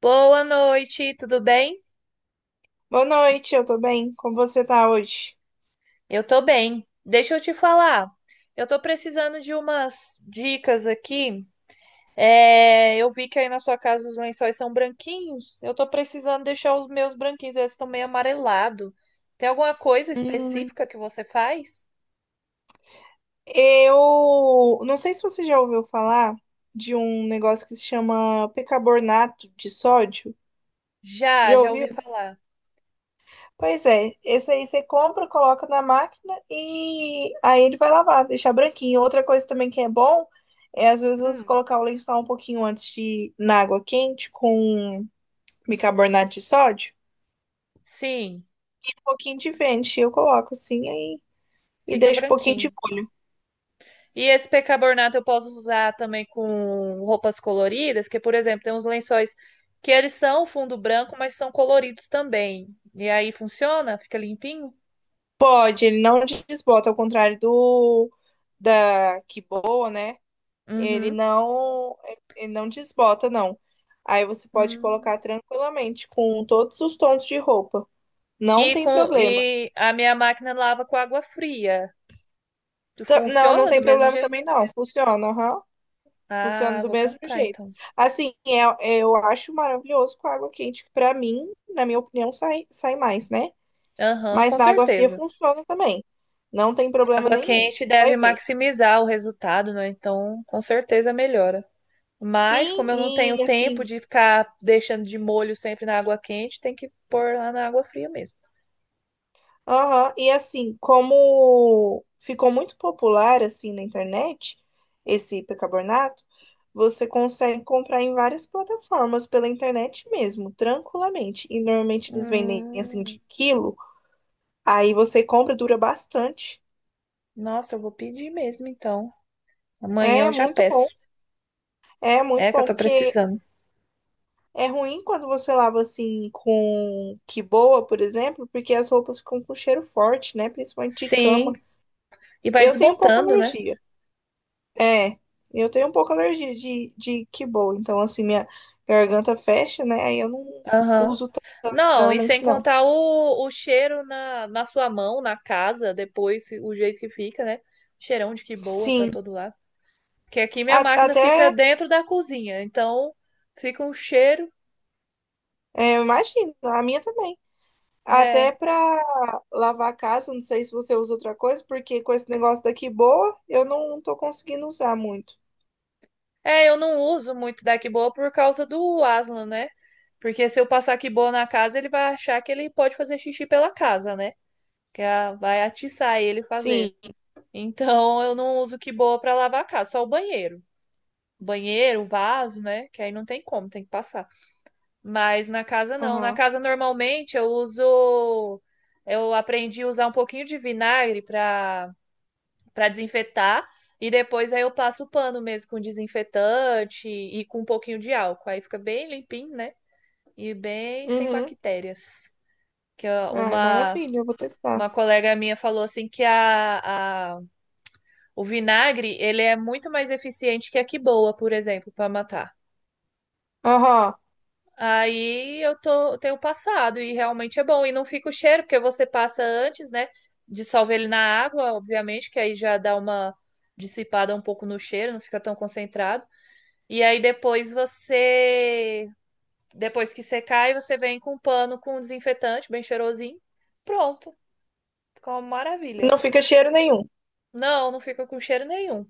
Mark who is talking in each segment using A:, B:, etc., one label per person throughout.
A: Boa noite, tudo bem?
B: Boa noite, eu tô bem. Como você tá hoje?
A: Eu tô bem. Deixa eu te falar. Eu tô precisando de umas dicas aqui. É, eu vi que aí na sua casa os lençóis são branquinhos. Eu tô precisando deixar os meus branquinhos, eles estão meio amarelados. Tem alguma coisa
B: Hum,
A: específica que você faz?
B: Eu não sei se você já ouviu falar de um negócio que se chama bicarbonato de sódio.
A: Já,
B: Já
A: já
B: ouviu?
A: ouvi falar.
B: Pois é, esse aí você compra, coloca na máquina e aí ele vai lavar, deixar branquinho. Outra coisa também que é bom é às vezes você
A: Hum,
B: colocar o lençol um pouquinho antes de na água quente com bicarbonato de sódio,
A: sim,
B: um pouquinho de vento, eu coloco assim aí e
A: fica
B: deixo um pouquinho de.
A: branquinho. E esse percarbonato eu posso usar também com roupas coloridas, que, por exemplo, tem uns lençóis que eles são fundo branco, mas são coloridos também. E aí funciona? Fica limpinho?
B: Pode, ele não desbota, ao contrário do da que boa, né? Ele
A: Uhum.
B: não, ele não desbota, não. Aí você pode colocar
A: Hum.
B: tranquilamente com todos os tons de roupa. Não tem problema.
A: E a minha máquina lava com água fria. Tu
B: Não, não
A: funciona do
B: tem
A: mesmo
B: problema
A: jeito?
B: também, não. Funciona, aham. Funciona
A: Ah,
B: do
A: vou
B: mesmo
A: comprar
B: jeito.
A: então.
B: Assim, eu acho maravilhoso com água quente. Que Pra mim, na minha opinião, sai mais, né?
A: Aham,
B: Mas
A: com
B: na água fria
A: certeza.
B: funciona também. Não tem problema
A: Água
B: nenhum.
A: quente
B: Você vai
A: deve
B: ver.
A: maximizar o resultado, né? Então, com certeza melhora. Mas,
B: Sim,
A: como eu não tenho
B: e
A: tempo
B: assim,
A: de ficar deixando de molho sempre na água quente, tem que pôr lá na água fria mesmo.
B: aham, e assim, como ficou muito popular assim na internet, esse bicarbonato, você consegue comprar em várias plataformas pela internet mesmo, tranquilamente. E normalmente eles vendem assim
A: Hum,
B: de quilo, aí você compra, dura bastante.
A: nossa, eu vou pedir mesmo então. Amanhã
B: É
A: eu já
B: muito bom,
A: peço.
B: é
A: É
B: muito
A: que eu
B: bom,
A: tô
B: porque
A: precisando.
B: é ruim quando você lava assim com que boa, por exemplo, porque as roupas ficam com cheiro forte, né? Principalmente de
A: Sim,
B: cama.
A: e vai
B: Eu tenho um pouco
A: desbotando, né?
B: alergia. É, eu tenho um pouco alergia de kibble, então assim, minha garganta fecha, né? Aí eu não
A: Aham.
B: uso tanto,
A: Não, e sem
B: normalmente não.
A: contar o cheiro na sua mão, na casa, depois o jeito que fica, né? Cheirão de que boa pra
B: Sim,
A: todo lado. Que aqui minha
B: a-
A: máquina
B: até,
A: fica dentro da cozinha, então fica um cheiro,
B: é, eu imagino, a minha também. Até
A: né?
B: pra lavar a casa, não sei se você usa outra coisa, porque com esse negócio daqui boa, eu não tô conseguindo usar muito.
A: É, eu não uso muito da Kiboa por causa do Aslan, né? Porque se eu passar Kiboa na casa, ele vai achar que ele pode fazer xixi pela casa, né? Vai atiçar ele fazer.
B: Sim,
A: Então eu não uso Kiboa pra lavar a casa, só o banheiro. Banheiro, vaso, né? Que aí não tem como, tem que passar. Mas na casa não. Na
B: aham.
A: casa normalmente eu uso. Eu aprendi a usar um pouquinho de vinagre pra para desinfetar e depois aí eu passo o pano mesmo com desinfetante e com um pouquinho de álcool. Aí fica bem limpinho, né? E bem sem
B: Uhum.
A: bactérias. Que ó,
B: Ai, maravilha, eu vou testar.
A: uma colega minha falou assim que a, o vinagre, ele é muito mais eficiente que a quiboa, por exemplo, para matar.
B: Aham.
A: Eu tenho passado e realmente é bom. E não fica o cheiro, porque você passa antes, né? Dissolve ele na água, obviamente, que aí já dá uma dissipada um pouco no cheiro, não fica tão concentrado. E aí depois você, Depois que secar, aí você vem com um pano com desinfetante bem cheirosinho. Pronto, fica uma maravilha.
B: Não fica cheiro nenhum.
A: Não, não fica com cheiro nenhum.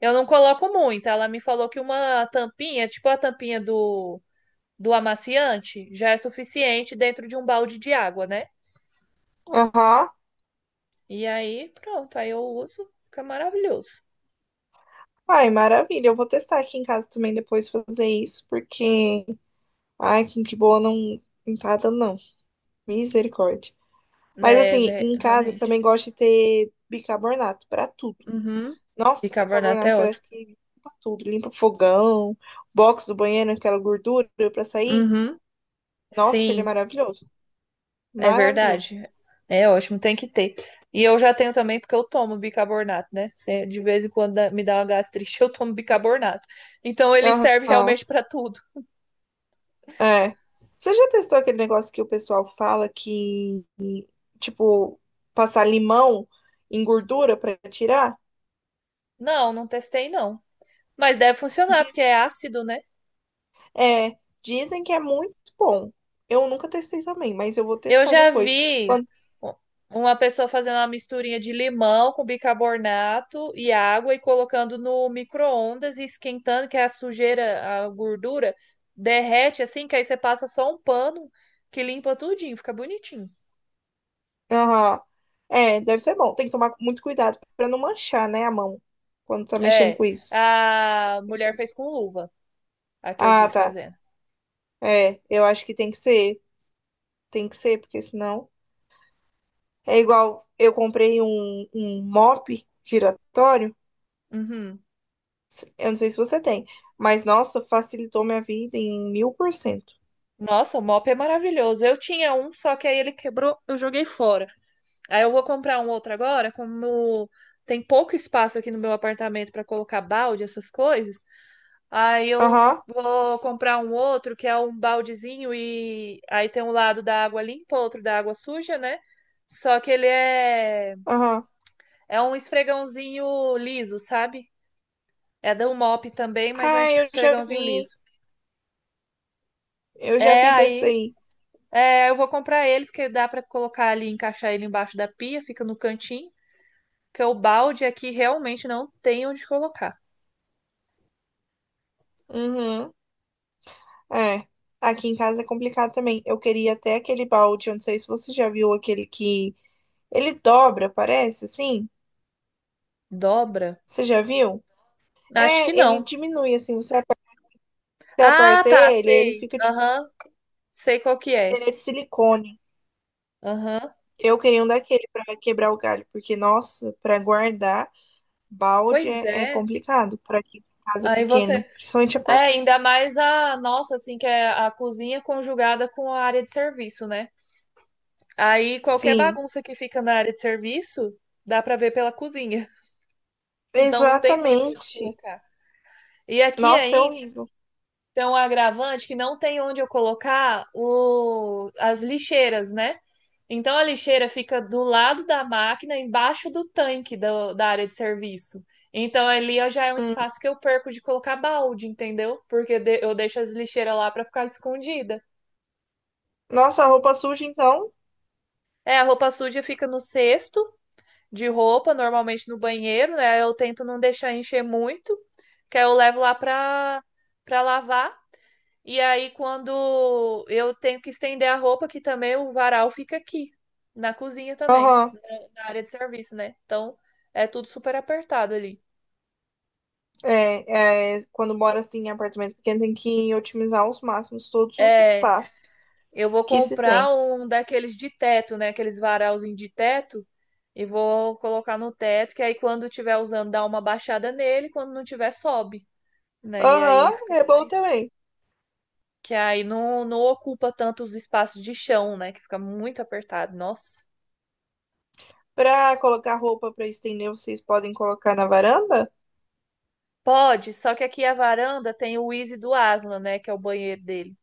A: Eu não coloco muito. Ela me falou que uma tampinha, tipo a tampinha do amaciante, já é suficiente dentro de um balde de água, né?
B: Aham.
A: E aí, pronto, aí eu uso, fica maravilhoso.
B: Ai, maravilha. Eu vou testar aqui em casa também depois fazer isso, porque ai, com que boa não entrada não. Misericórdia. Mas assim, em casa
A: Realmente.
B: também gosto de ter bicarbonato pra tudo.
A: Uhum.
B: Nossa,
A: Bicarbonato é
B: bicarbonato parece
A: ótimo.
B: que limpa tudo, limpa fogão, box do banheiro, aquela gordura pra sair.
A: Uhum.
B: Nossa, ele é
A: Sim.
B: maravilhoso.
A: É
B: Maravilhoso.
A: verdade. É ótimo, tem que ter. E eu já tenho também porque eu tomo bicarbonato, né? De vez em quando me dá uma gastrite, eu tomo bicarbonato. Então ele serve
B: Aham.
A: realmente pra tudo.
B: É. Você já testou aquele negócio que o pessoal fala que, tipo, passar limão em gordura pra tirar?
A: Não, não testei não. Mas deve funcionar porque é ácido, né?
B: É, dizem que é muito bom. Eu nunca testei também, mas eu vou
A: Eu
B: testar
A: já
B: depois.
A: vi
B: Quando...
A: u- uma pessoa fazendo uma misturinha de limão com bicarbonato e água e colocando no micro-ondas e esquentando, que é a sujeira, a gordura derrete assim, que aí você passa só um pano que limpa tudinho, fica bonitinho.
B: aham. É, deve ser bom. Tem que tomar muito cuidado pra não manchar, né, a mão quando tá mexendo
A: É,
B: com isso.
A: a mulher fez com luva, a que eu
B: Ah,
A: vi
B: tá.
A: fazendo.
B: É, eu acho que tem que ser. Tem que ser, porque senão. É igual eu comprei um mop giratório.
A: Uhum.
B: Eu não sei se você tem, mas nossa, facilitou minha vida em 1000%.
A: Nossa, o mop é maravilhoso. Eu tinha um, só que aí ele quebrou, eu joguei fora. Aí eu vou comprar um outro agora, como tem pouco espaço aqui no meu apartamento para colocar balde, essas coisas. Aí eu
B: Aham,
A: vou comprar um outro que é um baldezinho e aí tem um lado da água limpa, outro da água suja, né? Só que ele é
B: aham.
A: É um esfregãozinho liso, sabe? É da Umop também, mas é um
B: Ah, eu já
A: esfregãozinho
B: vi.
A: liso.
B: Eu já
A: É,
B: vi desse
A: aí
B: daí.
A: eu vou comprar ele, porque dá pra colocar ali, encaixar ele embaixo da pia, fica no cantinho. Porque o balde aqui realmente não tem onde colocar.
B: Uhum. É. Aqui em casa é complicado também. Eu queria até aquele balde, eu não sei se você já viu aquele que ele dobra, parece, assim.
A: Dobra?
B: Você já viu?
A: Acho que
B: É, ele
A: não.
B: diminui, assim, você
A: Ah,
B: aperta
A: tá,
B: ele, ele
A: sei.
B: fica tipo,
A: Aham, sei qual que é.
B: ele é de silicone.
A: Aham,
B: Eu queria um daquele pra quebrar o galho, porque, nossa, pra guardar balde
A: pois
B: é
A: é.
B: complicado pra aqui tem casa
A: Aí
B: pequena,
A: você.
B: principalmente
A: É,
B: apartamento.
A: ainda mais a nossa, assim, que é a cozinha conjugada com a área de serviço, né? Aí qualquer
B: Sim,
A: bagunça que fica na área de serviço, dá pra ver pela cozinha. Então não tem muito onde
B: exatamente.
A: colocar. E aqui
B: Nossa, é
A: ainda
B: horrível.
A: tem um agravante que não tem onde eu colocar o... as lixeiras, né? Então a lixeira fica do lado da máquina, embaixo do tanque da área de serviço. Então já é um
B: Hum.
A: espaço que eu perco de colocar balde, entendeu? Eu deixo as lixeiras lá para ficar escondida.
B: Nossa, a roupa suja, então.
A: É, a roupa suja fica no cesto de roupa, normalmente no banheiro, né? Eu tento não deixar encher muito, que aí eu levo lá pra lavar. E aí, quando eu tenho que estender a roupa, que também o varal fica aqui, na cozinha também,
B: Aham.
A: na área de serviço, né? Então, é tudo super apertado ali.
B: É, é, quando mora assim em apartamento pequeno, tem que otimizar aos máximos todos os
A: É,
B: espaços
A: eu vou
B: que se tem.
A: comprar um daqueles de teto, né? Aqueles varalzinhos de teto, e vou colocar no teto, que aí quando tiver usando, dá uma baixada nele, quando não tiver, sobe, né? E aí
B: Aham,
A: fica
B: é bom
A: mais.
B: também.
A: Que aí não ocupa tanto os espaços de chão, né? Que fica muito apertado. Nossa.
B: Pra colocar roupa pra estender, vocês podem colocar na varanda?
A: Pode, só que aqui a varanda tem o Easy do Aslan, né? Que é o banheiro dele.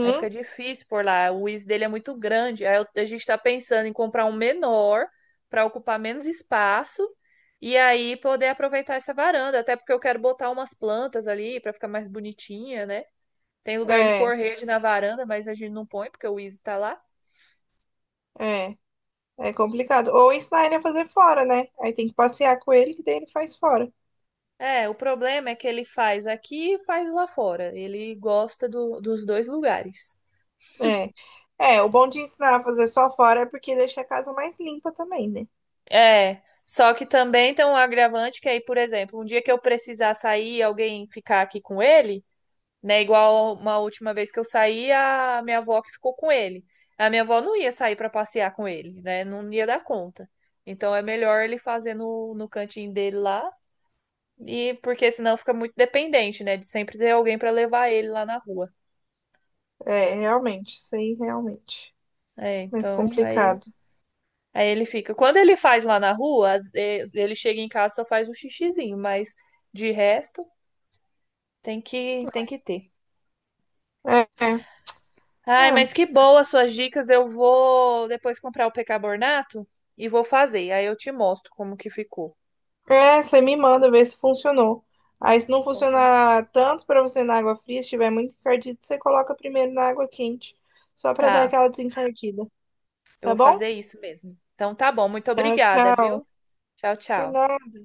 A: Aí fica difícil por lá. O Easy dele é muito grande. A gente tá pensando em comprar um menor para ocupar menos espaço e aí poder aproveitar essa varanda. Até porque eu quero botar umas plantas ali para ficar mais bonitinha, né? Tem lugar de
B: É,
A: pôr rede na varanda, mas a gente não põe porque o Easy tá lá.
B: é. É complicado. Ou ensinar ele a fazer fora, né? Aí tem que passear com ele, que daí ele faz fora.
A: É, o problema é que ele faz aqui e faz lá fora. Ele gosta dos dois lugares.
B: É. É, o bom de ensinar a fazer só fora é porque deixa a casa mais limpa também, né?
A: É, só que também tem um agravante que aí, por exemplo, um dia que eu precisar sair e alguém ficar aqui com ele, né? Igual uma última vez que eu saí, a minha avó que ficou com ele. A minha avó não ia sair para passear com ele, né? Não ia dar conta. Então é melhor ele fazer no cantinho dele lá, e porque senão fica muito dependente, né? De sempre ter alguém para levar ele lá na rua.
B: É, realmente. Isso aí, realmente.
A: É,
B: É Mais
A: então aí
B: complicado.
A: Aí ele fica. Quando ele faz lá na rua, ele chega em casa e só faz um xixizinho, mas de resto tem que ter.
B: É, é.
A: Ai, mas
B: É.
A: que boa as suas dicas. Eu vou depois comprar o percarbonato e vou fazer. Aí eu te mostro como que ficou.
B: É, você me manda ver se funcionou. Aí, se não
A: Então tá bom.
B: funcionar tanto pra você na água fria, se estiver muito encardido, você coloca primeiro na água quente, só pra dar
A: Tá,
B: aquela desencardida.
A: eu
B: Tá
A: vou
B: bom?
A: fazer isso mesmo. Então tá bom. Muito
B: Tchau,
A: obrigada,
B: tchau.
A: viu? Tchau,
B: Por
A: tchau.
B: nada.